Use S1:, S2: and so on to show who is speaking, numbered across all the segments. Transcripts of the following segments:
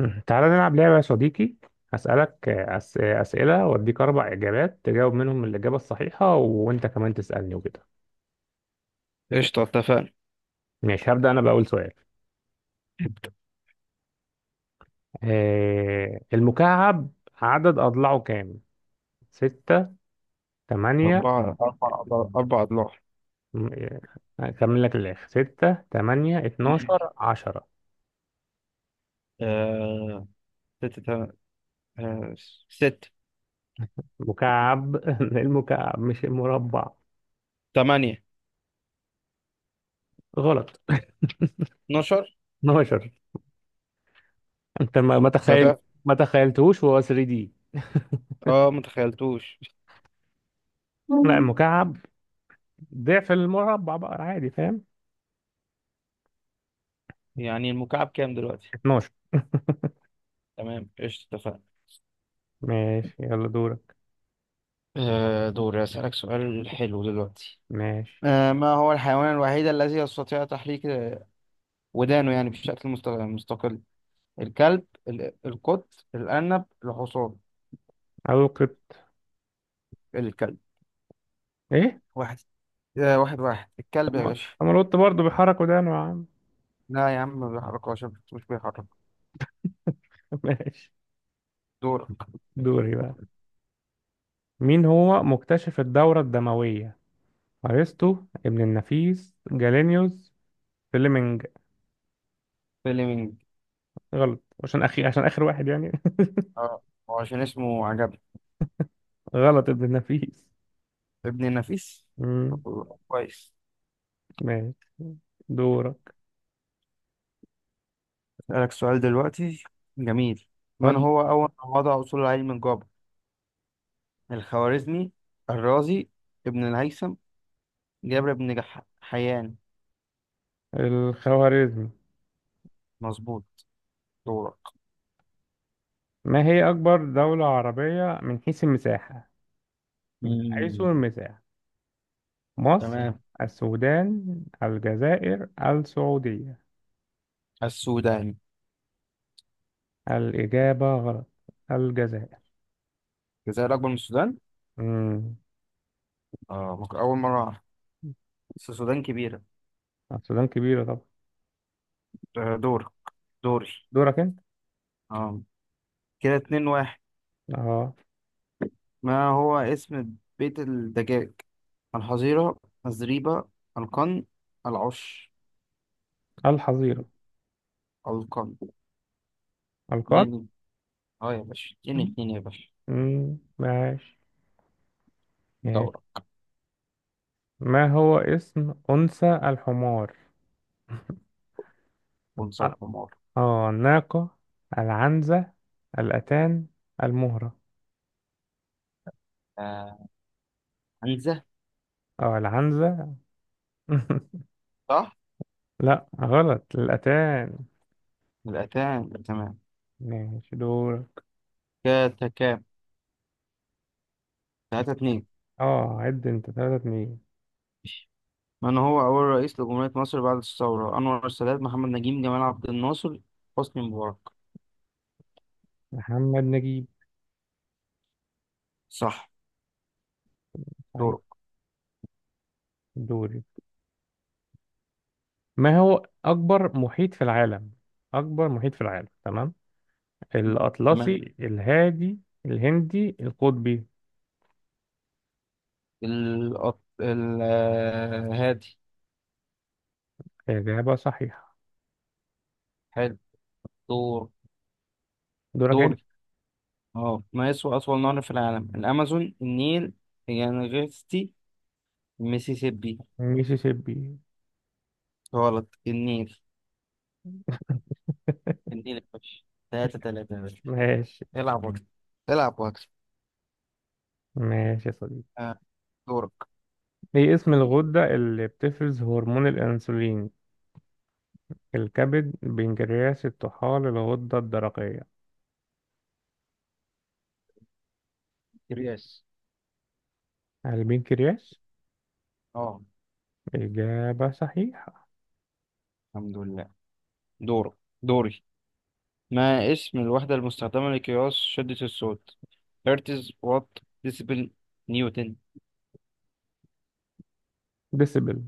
S1: مم. تعالى نلعب لعبة يا صديقي. هسألك أسئلة وأديك أربع إجابات تجاوب منهم الإجابة الصحيحة، وأنت كمان تسألني وكده.
S2: قشطة، اتفقنا.
S1: ماشي، هبدأ أنا بأول سؤال. المكعب عدد أضلاعه كام؟ ستة، تمانية.
S2: أربع أضلاع. أربع أضلاع.
S1: م- آه، هكمل لك الآخر: ستة، تمانية، اتناشر، عشرة.
S2: آه... ستة تم... آه... ست،
S1: مكعب المكعب مش المربع.
S2: 8،
S1: غلط.
S2: 12.
S1: 12. أنت
S2: ده ده
S1: ما تخيلتهوش وهو 3 دي؟
S2: اه، متخيلتوش.
S1: لا المكعب ضعف المربع بقى، عادي، فاهم؟
S2: يعني المكعب كام دلوقتي؟
S1: 12.
S2: تمام، قشطة، اتفقنا.
S1: ماشي يلا دورك.
S2: دوري. أسألك سؤال حلو دلوقتي.
S1: ماشي
S2: ما هو الحيوان الوحيد الذي يستطيع تحريك ودانه، يعني بشكل مستقل؟ الكلب، القط، الأرنب، الحصان.
S1: أو كنت.
S2: الكلب.
S1: إيه؟
S2: واحد. واحد، الكلب
S1: طب
S2: يا
S1: ما
S2: باشا.
S1: طب ما القط برضه بيحرك ودانه يا عم.
S2: لا يا عم، ما بيحركهاش. مش بيحرك.
S1: ماشي.
S2: دورك.
S1: دوري بقى. مين هو مكتشف الدورة الدموية؟ أرسطو، ابن النفيس، جالينيوس، فليمنج.
S2: فيلمينج.
S1: غلط، عشان آخر واحد يعني.
S2: اه، هو عشان اسمه عجبني.
S1: غلط، ابن النفيس.
S2: ابن النفيس.
S1: مم.
S2: طب، كويس.
S1: ماشي دورك.
S2: اسألك سؤال دلوقتي، جميل.
S1: خد.
S2: من هو أول من وضع أصول علم الجبر؟ الخوارزمي، الرازي، ابن الهيثم، جابر بن حيان.
S1: الخوارزمي.
S2: مظبوط. دورك.
S1: ما هي أكبر دولة عربية من حيث المساحة؟ من حيث
S2: مم.
S1: المساحة؟ مصر،
S2: تمام.
S1: السودان، الجزائر، السعودية.
S2: السودان.
S1: الإجابة غلط. الجزائر.
S2: الجزائر أكبر من السودان؟
S1: مم.
S2: اه، ممكن أول مرة أعرف، بس السودان كبيرة.
S1: السودان كبيرة طبعا.
S2: دورك. دوري.
S1: دورك أنت.
S2: اه، كده 2-1.
S1: أه،
S2: ما هو اسم بيت الدجاج؟ الحظيرة، الزريبة، القن، العش.
S1: الحظيرة،
S2: القن.
S1: القان.
S2: اتنين. اه يا باشا، اتنين اتنين يا باشا.
S1: مم. ماشي. ماشي،
S2: دورة.
S1: ما هو اسم أنثى الحمار؟
S2: ونصر
S1: أ-
S2: حمار.
S1: أه، الناقة، العنزة، الأتان، المهرة.
S2: آه عنزة.
S1: أه العنزة.
S2: صح؟
S1: لا غلط، الأتان.
S2: يبقى تمام، تمام.
S1: ماشي دورك.
S2: كده تكام؟ 3-2.
S1: أه عد أنت، تلاتة اتنين.
S2: من هو أول رئيس لجمهورية مصر بعد الثورة؟ أنور السادات، محمد نجيب، جمال عبد الناصر، حسني مبارك.
S1: محمد نجيب.
S2: صح.
S1: طيب.
S2: دورك.
S1: دوري. ما هو أكبر محيط في العالم؟ أكبر محيط في العالم، تمام.
S2: تمام.
S1: الأطلسي، الهادي، الهندي، القطبي.
S2: الأط... ال آه، هادي.
S1: إجابة صحيحة.
S2: حلو. دور.
S1: دورك أنت.
S2: دوري. اه، ما يسوى أطول نهر في العالم؟ الأمازون، النيل، يانغستي، الميسيسيبي.
S1: ميسيسيبي.
S2: غلط. النيل، النيل يا باشا. 3-3 يا باشا.
S1: ماشي.
S2: العب وقت، العب واكسب.
S1: ماشي يا صديقي.
S2: آه. دورك.
S1: إيه اسم الغدة اللي بتفرز هرمون الأنسولين؟ الكبد، البنكرياس، الطحال، الغدة الدرقية.
S2: قياس.
S1: البنكرياس.
S2: اه.
S1: إجابة صحيحة.
S2: الحمد لله. دورك. دوري. ما اسم الوحدة المستخدمة لقياس شدة الصوت؟ هرتز، وات، ديسيبل، نيوتن.
S1: ديسبل.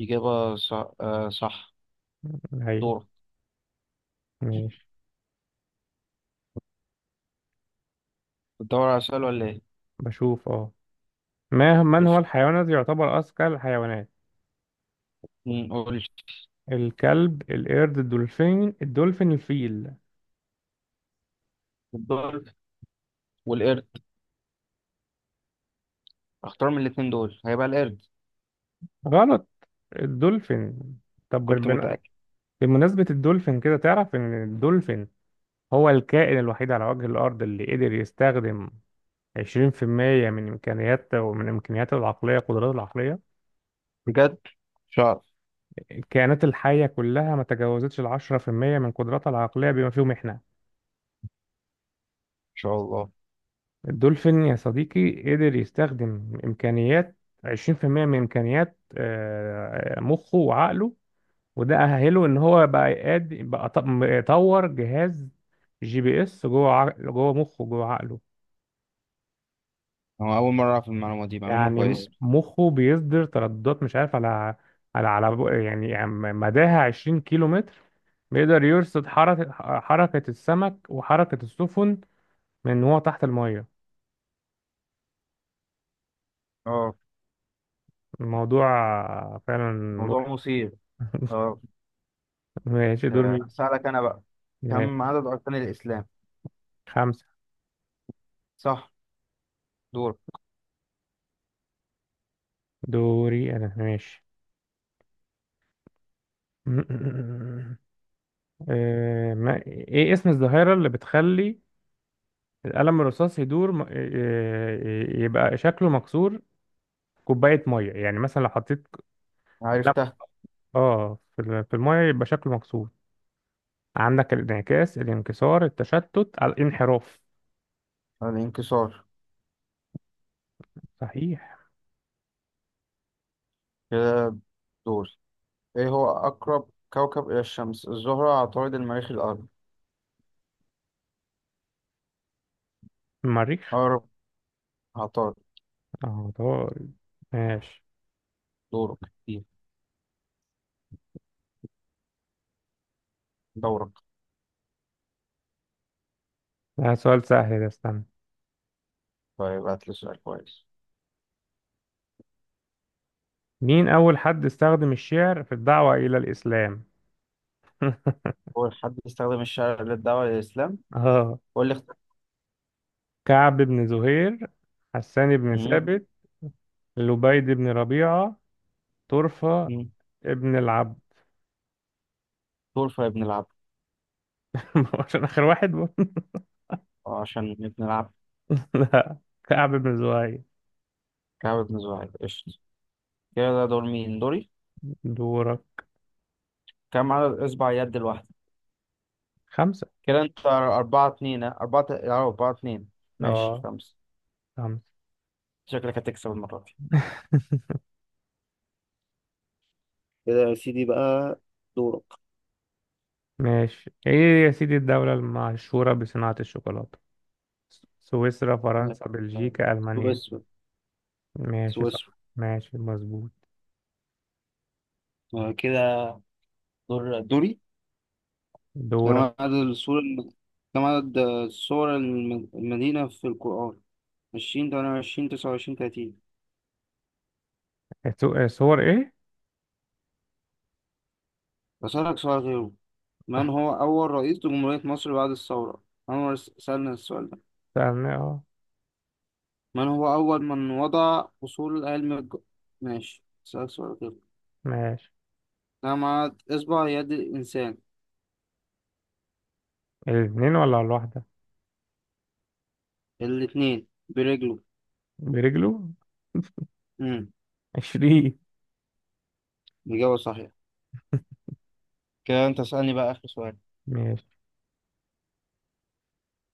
S2: إجابة صح، صح.
S1: أيوه.
S2: دورك.
S1: ماشي.
S2: بتدور على سؤال ولا إيه؟
S1: بشوف. اه ما من هو
S2: قشطة.
S1: الحيوان الذي يعتبر أذكى الحيوانات؟
S2: قول.
S1: الكلب، القرد، الدولفين، الفيل.
S2: الدول والقرد. اختار من الاتنين دول، هيبقى القرد.
S1: غلط. الدولفين. طب
S2: كنت
S1: بالبناء.
S2: متأكد.
S1: بمناسبة الدولفين، كده تعرف إن الدولفين هو الكائن الوحيد على وجه الأرض اللي قدر يستخدم 20% من إمكانياته، ومن إمكانياته العقلية، قدراته العقلية.
S2: بجد ان، مش هعرف.
S1: الكائنات الحية كلها ما تجاوزتش ال 10% من قدراتها العقلية بما فيهم إحنا.
S2: شاء الله.
S1: الدولفين يا صديقي قدر يستخدم إمكانيات 20% من إمكانيات مخه وعقله. وده أهله إن هو بقى قادر بقى، يطور جهاز جي بي إس جوه جوه مخه جوه عقله.
S2: أنا أول مرة أعرف المعلومة دي، معلومة
S1: يعني
S2: كويسة.
S1: مخه بيصدر ترددات، مش عارف، على يعني مداها 20 كيلو متر. بيقدر يرصد حركة السمك وحركة السفن من وهو تحت المية.
S2: اه.
S1: الموضوع فعلا مرعب.
S2: موضوع مثير. اه.
S1: ماشي دور مين.
S2: اسالك انا بقى.
S1: ماشي
S2: كم عدد اركان الاسلام؟
S1: خمسة.
S2: صح. دور.
S1: دوري أنا ماشي. آه، ما إيه اسم الظاهرة اللي بتخلي القلم الرصاص يدور يبقى شكله مكسور في كوباية مية؟ يعني مثلا لو حطيت قلم
S2: عرفتها.
S1: في المية يبقى شكله مكسور. عندك الانعكاس، الانكسار، التشتت، الانحراف.
S2: الانكسار.
S1: صحيح.
S2: كده. دور. ايه هو اقرب كوكب الى الشمس؟ الزهره، عطارد، المريخ، الارض.
S1: المريخ.
S2: اقرب عطارد.
S1: اه طبعا. ماشي.
S2: دورك. إيه؟ دورك.
S1: ده سؤال سهل ده، استنى.
S2: طيب، هات لي سؤال كويس.
S1: مين أول حد استخدم الشعر في الدعوة إلى الإسلام؟
S2: اول حد استخدم الشرع للدعوه للاسلام.
S1: اه،
S2: قول لي.
S1: كعب بن زهير، حسان بن
S2: مم.
S1: ثابت، لبيد بن ربيعة، طرفة
S2: مم.
S1: ابن العبد.
S2: دور في ابن العبد.
S1: ما هو عشان آخر واحد برضه.
S2: عشان ابن العبد.
S1: لا، كعب بن زهير.
S2: كعب بن زهير. قشطة. كده، ده دور مين؟ دوري.
S1: دورك.
S2: كام عدد اصبع يد الواحدة؟
S1: خمسة.
S2: كده انت 4-2، ها؟ أربعة، أربعة اتنين. ماشي
S1: اه
S2: 5.
S1: خمسة.
S2: شكلك هتكسب المرة دي. كده يا سيدي بقى. دورك.
S1: ماشي. ايه يا سيدي الدولة المشهورة بصناعة الشوكولاتة؟ سويسرا،
S2: آه،
S1: فرنسا،
S2: آه،
S1: بلجيكا، ألمانيا.
S2: سويسرا.
S1: ماشي صح.
S2: سويسرا.
S1: ماشي مظبوط.
S2: كده. دور. دوري. كم
S1: دورك.
S2: عدد كم عدد سور المدينة في القرآن؟ 20، 28، 29، 30.
S1: صور ايه؟
S2: أسألك سؤال غيره. من هو أول رئيس لجمهورية مصر بعد الثورة؟ سألنا السؤال ده.
S1: سألنا. اه
S2: من هو أول من وضع أصول علم. ماشي أسألك سؤال كده.
S1: ماشي.
S2: جمع إصبع يد الإنسان.
S1: الاثنين ولا الواحدة؟
S2: الاتنين برجله.
S1: برجله.
S2: امم.
S1: عشرين.
S2: الإجابة صحيحة. كده أنت اسألني بقى آخر سؤال.
S1: ماشي.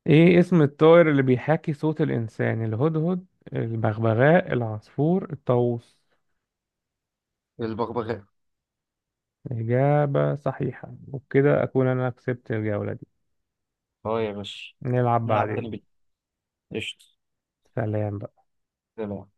S1: ايه اسم الطائر اللي بيحاكي صوت الانسان؟ الهدهد، البغبغاء، العصفور، الطاووس.
S2: البغبغاء.
S1: إجابة صحيحة، وبكده أكون أنا كسبت الجولة دي.
S2: أه يا باشا.
S1: نلعب نعم
S2: نلعب تاني.
S1: بعدين.
S2: بالقشط.
S1: سلام.
S2: سلام.